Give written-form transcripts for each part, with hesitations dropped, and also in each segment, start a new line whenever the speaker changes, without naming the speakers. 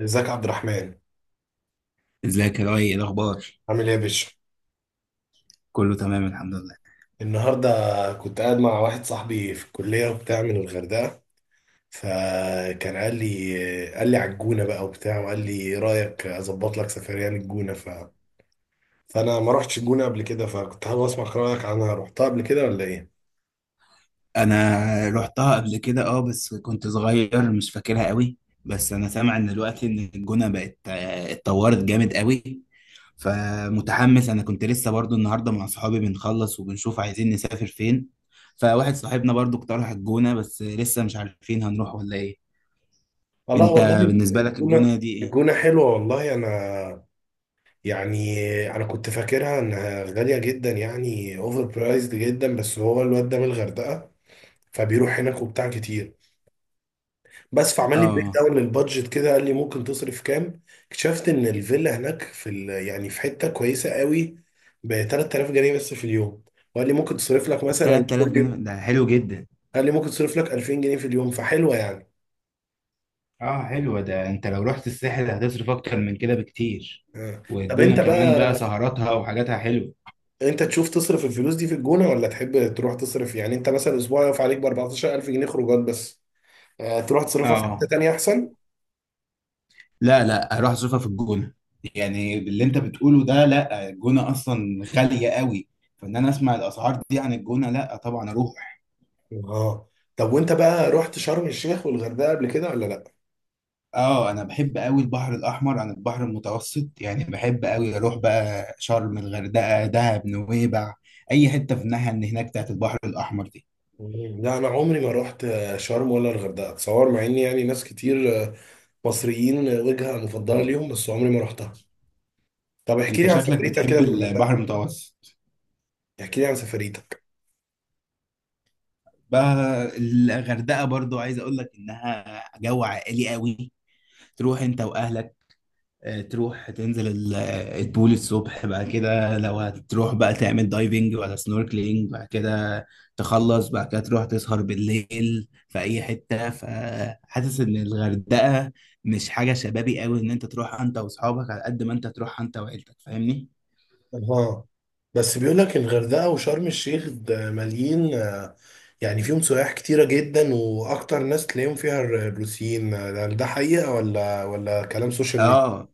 ازيك يا عبد الرحمن.
ازيك يا لؤي، ايه الاخبار؟
عامل ايه يا باشا؟
كله تمام الحمد لله.
النهارده كنت قاعد مع واحد صاحبي في الكليه وبتاع من الغردقه، فكان قال لي على الجونه بقى وبتاع، وقال لي ايه رايك اظبط لك سفريه للجونه فانا ما رحتش الجونه قبل كده، فكنت حابب اسمع رايك عنها، رحتها قبل كده ولا ايه؟
انا رحتها قبل كده اه بس كنت صغير مش فاكرها قوي. بس انا سامع ان دلوقتي ان الجونه بقت اتطورت جامد قوي. فمتحمس، انا كنت لسه برضو النهارده مع صحابي بنخلص وبنشوف عايزين نسافر فين. فواحد صاحبنا برضو اقترح الجونه بس لسه مش عارفين هنروح ولا ايه.
والله
انت
والله
بالنسبه لك
الجونه،
الجونه دي ايه؟
الجونه حلوه والله. انا يعني انا كنت فاكرها انها غاليه جدا، يعني اوفر برايزد جدا، بس هو الواد ده من الغردقه فبيروح هناك وبتاع كتير، بس فعمل لي بريك
اه،
داون للبادجت كده، قال لي ممكن تصرف كام. اكتشفت ان الفيلا هناك يعني في حته كويسه قوي ب 3000 جنيه بس في اليوم، وقال لي ممكن تصرف لك مثلا
3000
كل
جنيه
يوم،
ده حلو جدا.
قال لي ممكن تصرف لك 2000 جنيه في اليوم، فحلوه يعني.
اه حلوة، ده انت لو رحت الساحل هتصرف اكتر من كده بكتير.
آه. طب
والجونة
انت
كمان بقى
بقى،
سهراتها وحاجاتها حلوة.
انت تشوف تصرف الفلوس دي في الجونه ولا تحب تروح تصرف، يعني انت مثلا اسبوع يقف عليك ب 14000 جنيه خروجات بس. آه. تروح تصرفها في حته
اه
تانيه احسن.
لا لا، هروح اصرفها في الجونة. يعني اللي انت بتقوله ده لا، الجونة اصلا غالية قوي. فان انا اسمع الاسعار دي عن الجونة لا طبعا اروح.
اه. طب وانت بقى رحت شرم الشيخ والغردقه قبل كده ولا لا؟
اه انا بحب قوي البحر الاحمر عن البحر المتوسط، يعني بحب قوي اروح بقى شرم، الغردقة، دهب، نويبع، اي حتة في الناحية اللي هناك بتاعت البحر الاحمر دي.
لا، انا عمري ما رحت شرم ولا الغردقه، اتصور، مع ان يعني ناس كتير مصريين وجهه مفضله ليهم، بس عمري ما رحتها. طب احكي
انت
لي عن
شكلك
سفريتك
بتحب
كده في الغردقه،
البحر المتوسط.
احكي لي عن سفريتك.
بقى الغردقه برضو عايز اقول لك انها جو عائلي قوي، تروح انت واهلك. تروح تنزل البول الصبح، بعد كده لو هتروح بقى تعمل دايفنج ولا سنوركلينج. بعد كده تخلص، بعد كده تروح تسهر بالليل في اي حته. فحاسس ان الغردقه مش حاجه شبابي قوي ان انت تروح انت واصحابك، على قد ما انت تروح انت وعيلتك، فاهمني؟
اها. بس بيقول لك الغردقه وشرم الشيخ ده مليين، يعني فيهم سياح كتيره جدا، واكتر ناس تلاقيهم فيها الروسيين، ده ده حقيقه ولا كلام سوشيال ميديا؟
اه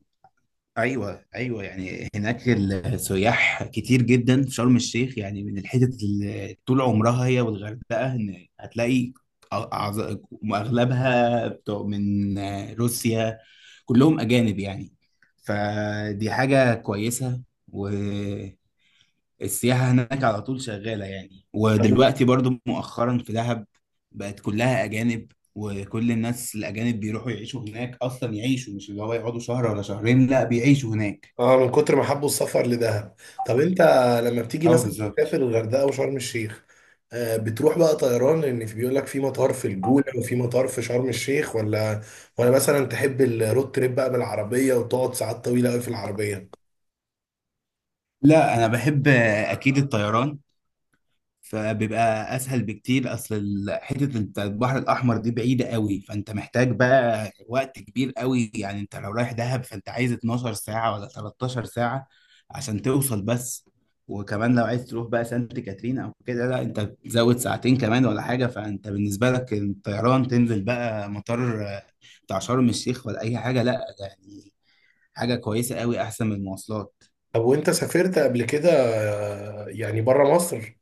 ايوه ايوه، يعني هناك السياح كتير جدا في شرم الشيخ، يعني من الحتت اللي طول عمرها هي والغردقه. إن هتلاقي أعظ- اغلبها بتوع من روسيا، كلهم اجانب يعني. فدي حاجه كويسه، السياحة هناك على طول شغالة. يعني ودلوقتي برضو مؤخرا في دهب بقت كلها أجانب، وكل الناس الأجانب بيروحوا يعيشوا هناك أصلا، يعيشوا مش اللي هو يقعدوا شهر ولا شهرين، لا بيعيشوا هناك.
اه من كتر ما حبوا السفر لدهب. طب انت لما بتيجي
اه
مثلا
بالظبط.
تسافر الغردقه وشرم الشيخ، بتروح بقى طيران، لان في بيقول لك في مطار في الجونه وفي مطار في شرم الشيخ، ولا مثلا تحب الرود تريب بقى بالعربيه وتقعد ساعات طويله قوي في العربيه؟
لا أنا بحب أكيد الطيران، فبيبقى اسهل بكتير. اصل حته انت البحر الاحمر دي بعيده قوي، فانت محتاج بقى وقت كبير قوي. يعني انت لو رايح دهب فانت عايز 12 ساعه ولا 13 ساعه عشان توصل بس. وكمان لو عايز تروح بقى سانت كاترين او كده، لا انت تزود ساعتين كمان ولا حاجه. فانت بالنسبه لك الطيران، تنزل بقى مطار بتاع شرم الشيخ ولا اي حاجه، لا يعني حاجه كويسه قوي احسن من المواصلات.
طب وانت سافرت قبل كده يعني بره مصر؟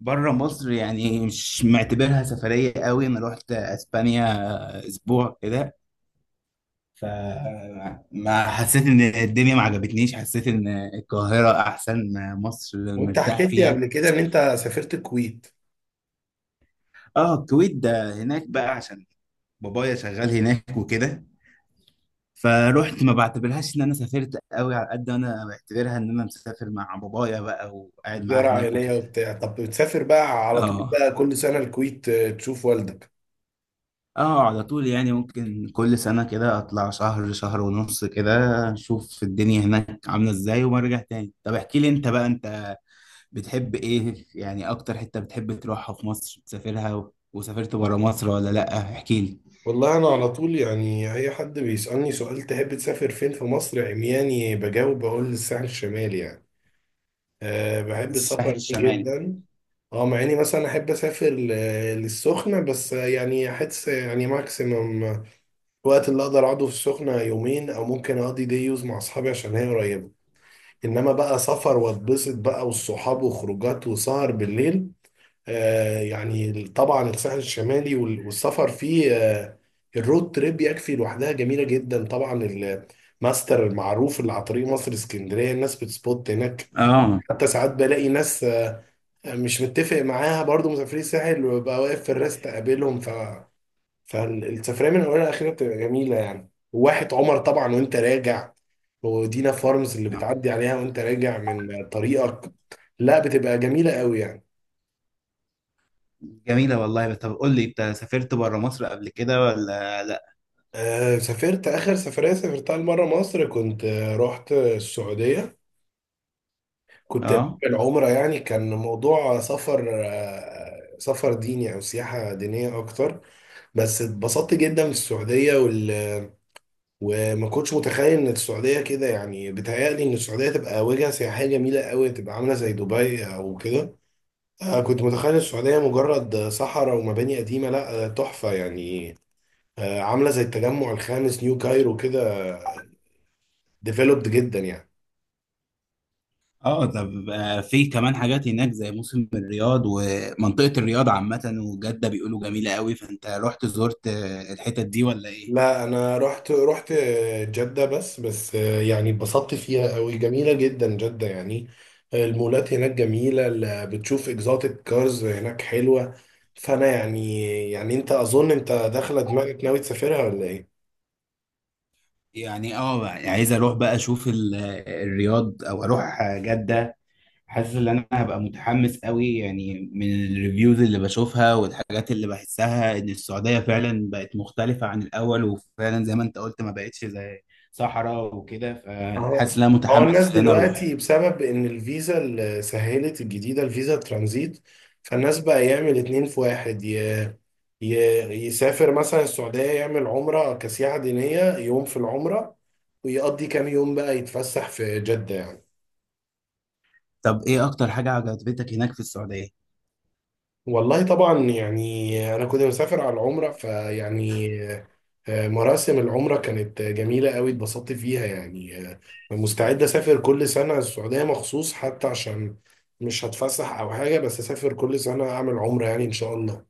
بره مصر، يعني مش معتبرها سفرية قوي. انا رحت اسبانيا اسبوع كده، فما حسيت ان الدنيا، ما عجبتنيش. حسيت ان القاهرة احسن، مصر
وانت
مرتاح
حكيت لي
فيها.
قبل كده ان انت سافرت الكويت،
اه الكويت ده هناك بقى عشان بابايا شغال هناك وكده. فروحت ما بعتبرهاش ان انا سافرت قوي، على قد ما انا بعتبرها ان انا مسافر مع بابايا بقى وقاعد معاه
زياره
هناك
عائليه
وكده.
وبتاع. طب بتسافر بقى على طول
اه.
بقى كل سنه الكويت، تشوف والدك؟
اه على طول، يعني ممكن كل سنة كده اطلع شهر، شهر ونص كده، اشوف الدنيا هناك عاملة ازاي وارجع تاني. طب احكي لي انت بقى، انت بتحب ايه يعني؟ اكتر حتة بتحب تروحها في مصر تسافرها وسافرت برا مصر ولا لا؟ احكي لي.
والله انا على طول يعني اي حد بيسألني سؤال تحب تسافر فين في مصر، عمياني بجاوب بقول الساحل الشمالي. يعني أه بحب
الساحل
السفر فيه
الشمالي.
جدا. اه، مع اني مثلا احب اسافر للسخنة، بس يعني احس يعني ماكسيمم الوقت اللي اقدر اقعده في السخنة يومين، او ممكن اقضي ديوز مع اصحابي عشان هي قريبة. انما بقى سفر واتبسط بقى والصحاب وخروجات وسهر بالليل، يعني طبعا الساحل الشمالي والسفر فيه، الرود تريب يكفي لوحدها جميلة جدا طبعا. الماستر المعروف اللي على طريق مصر اسكندرية، الناس بتسبوت هناك.
اه
حتى ساعات بلاقي ناس مش متفق معاها برضو مسافرين الساحل، وببقى واقف في الراس تقابلهم. فالسفرية من أولها لآخرها بتبقى جميلة يعني، وواحة عمر طبعا وأنت راجع، ودينا فارمز اللي بتعدي عليها وأنت راجع من طريقك، لا بتبقى جميلة قوي يعني.
جميلة والله. طب قول لي، انت سافرت برا مصر قبل كده ولا لا؟
آه سافرت. آخر سفرية سافرتها لمرة مصر كنت رحت السعودية، كنت
اه.
بعمل عمرة. يعني كان موضوع سفر، آه، سفر ديني أو سياحة دينية أكتر. بس اتبسطت جدا في السعودية وما كنتش متخيل إن السعودية كده، يعني بيتهيألي إن السعودية تبقى وجهة سياحية جميلة قوي، تبقى عاملة زي دبي أو كده. آه، كنت متخيل السعودية مجرد صحراء ومباني قديمة، لا تحفة يعني، عاملة زي التجمع الخامس نيو كايرو كده، ديفلوبد جدا يعني.
اه طب في كمان حاجات هناك زي موسم الرياض ومنطقة الرياض عامة وجدة بيقولوا جميلة قوي، فانت رحت زرت الحتت دي ولا ايه؟
لا انا رحت جدة، بس يعني اتبسطت فيها قوي، جميلة جدا جدة يعني. المولات هناك جميلة، بتشوف اكزوتيك كارز هناك حلوة. فانا يعني، يعني انت اظن انت داخلة دماغك ناوي تسافرها ولا ايه؟
يعني اه، عايز اروح بقى اشوف الرياض او اروح جدة. حاسس ان انا هبقى متحمس قوي، يعني من الريفيوز اللي بشوفها والحاجات اللي بحسها ان السعودية فعلا بقت مختلفة عن الاول، وفعلا زي ما انت قلت ما بقتش زي صحراء وكده.
اه.
فحاسس ان انا
هو
متحمس
الناس
ان انا اروح.
دلوقتي بسبب ان الفيزا اللي سهلت الجديدة، الفيزا ترانزيت، فالناس بقى يعمل اتنين في واحد، ي- يسافر مثلا السعودية، يعمل عمرة كسياحة دينية يوم في العمرة، ويقضي كام يوم بقى يتفسح في جدة يعني.
طب ايه اكتر حاجة عجبتك هناك في السعودية؟
والله طبعا يعني أنا كنت مسافر على العمرة، فيعني مراسم العمرة كانت جميلة قوي، اتبسطت فيها يعني. مستعد أسافر كل سنة السعودية مخصوص، حتى عشان مش هتفسح أو حاجة، بس أسافر كل سنة أعمل عمرة يعني إن شاء الله.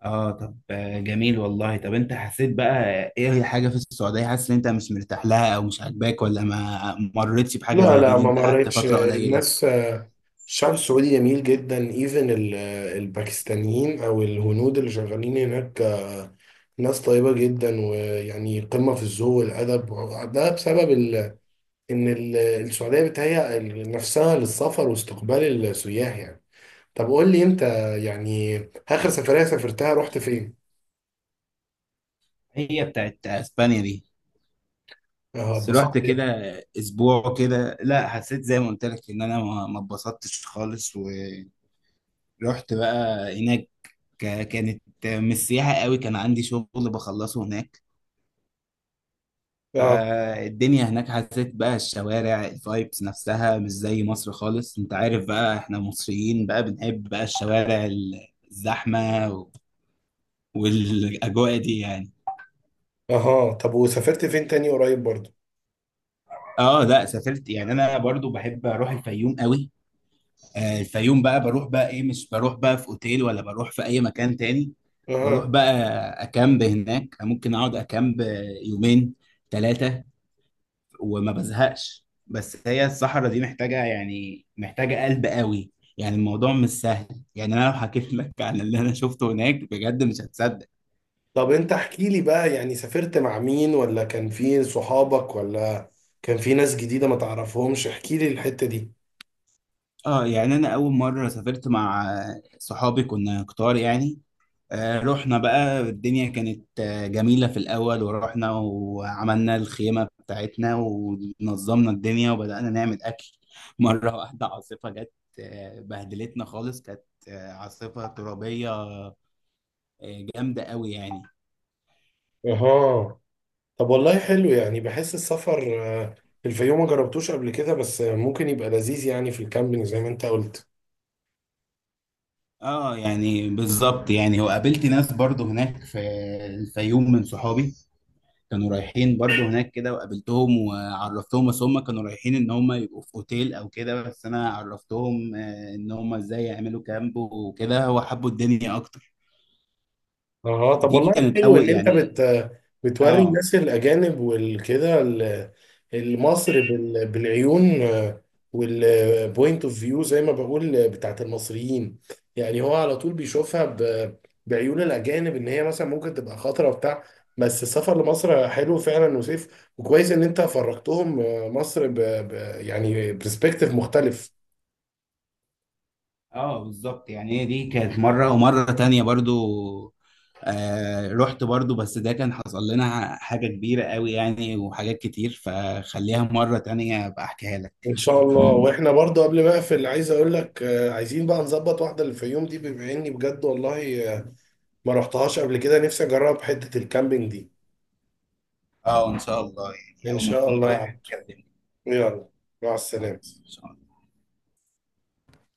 اه طب جميل والله. طب انت حسيت بقى ايه هي حاجة في السعودية حاسس ان انت مش مرتاح لها او مش عاجباك، ولا ما مرتش بحاجة
لا
زي دي
لا،
اللي
ما
انت قعدت
مريتش.
فترة قليلة؟
الناس، الشعب السعودي جميل جدا، ايفن الباكستانيين او الهنود اللي شغالين هناك، ناس طيبة جدا، ويعني قمة في الذوق والأدب. ده بسبب إن السعودية بتهيأ نفسها للسفر واستقبال السياح يعني. طب قول لي أنت، يعني آخر سفرية سافرتها رحت فين؟
هي بتاعت اسبانيا دي.
اه
بس رحت
اتبسطت
كده
يعني.
اسبوع كده، لا حسيت زي ما قلت لك ان انا ما اتبسطتش خالص. ورحت بقى هناك، كانت مش سياحة قوي، كان عندي شغل بخلصه هناك.
اه.
فالدنيا هناك حسيت بقى الشوارع الفايبس نفسها مش زي مصر خالص. انت عارف بقى احنا مصريين بقى بنحب بقى الشوارع، الزحمة و- والاجواء دي يعني.
اها. طب وسافرت فين تاني قريب برضه؟
اه لا سافرت، يعني انا برضو بحب اروح الفيوم قوي. الفيوم بقى بروح بقى ايه، مش بروح بقى في اوتيل ولا بروح في اي مكان تاني، بروح
اها.
بقى اكامب هناك. ممكن اقعد اكامب يومين، ثلاثة، وما بزهقش. بس هي الصحراء دي محتاجة يعني محتاجة قلب قوي، يعني الموضوع مش سهل. يعني انا لو حكيت لك عن اللي انا شفته هناك بجد مش هتصدق.
طب انت احكي لي بقى، يعني سافرت مع مين، ولا كان في صحابك، ولا كان في ناس جديدة ما تعرفهمش؟ احكي لي الحتة دي.
اه يعني انا اول مرة سافرت مع صحابي كنا كتار يعني. رحنا بقى، الدنيا كانت جميلة في الأول. ورحنا وعملنا الخيمة بتاعتنا ونظمنا الدنيا وبدأنا نعمل أكل مرة واحدة عاصفة جت، بهدلتنا خالص. كانت عاصفة ترابية جامدة قوي يعني.
اها. طب والله حلو، يعني بحس السفر في الفيوم ما جربتوش قبل كده، بس ممكن يبقى لذيذ يعني في الكامبينج زي ما انت قلت.
اه يعني بالظبط، يعني وقابلت ناس برضو هناك في الفيوم من صحابي كانوا رايحين برضو هناك كده، وقابلتهم وعرفتهم. بس هم كانوا رايحين ان هم يبقوا في اوتيل او كده، بس انا عرفتهم ان هم ازاي يعملوا كامب وكده، وحبوا الدنيا اكتر.
اه. طب
دي
والله
كانت
حلو
اول
ان انت
يعني.
بتوري
اه
الناس الاجانب والكده، المصر بالعيون والبوينت اوف فيو زي ما بقول بتاعت المصريين. يعني هو على طول بيشوفها بعيون الاجانب ان هي مثلا ممكن تبقى خطره وبتاع، بس السفر لمصر حلو فعلا وسيف، وكويس ان انت فرجتهم مصر ب... يعني برسبكتيف مختلف.
اه بالظبط، يعني هي دي كانت مرة. ومرة تانية برضو آه رحت برضو، بس ده كان حصل لنا حاجة كبيرة قوي يعني وحاجات كتير، فخليها مرة تانية ابقى احكيها لك.
ان شاء الله. واحنا برضه قبل ما اقفل، عايز اقول لك عايزين بقى نظبط واحده للفيوم دي، بما اني بجد والله ما رحتهاش قبل كده، نفسي اجرب حته الكامبينج دي.
اه ان شاء الله، يعني
ان
اول ما
شاء
تكون
الله يا
رايح
عبد.
كلمني.
يلا، مع السلامه.
إن شاء الله.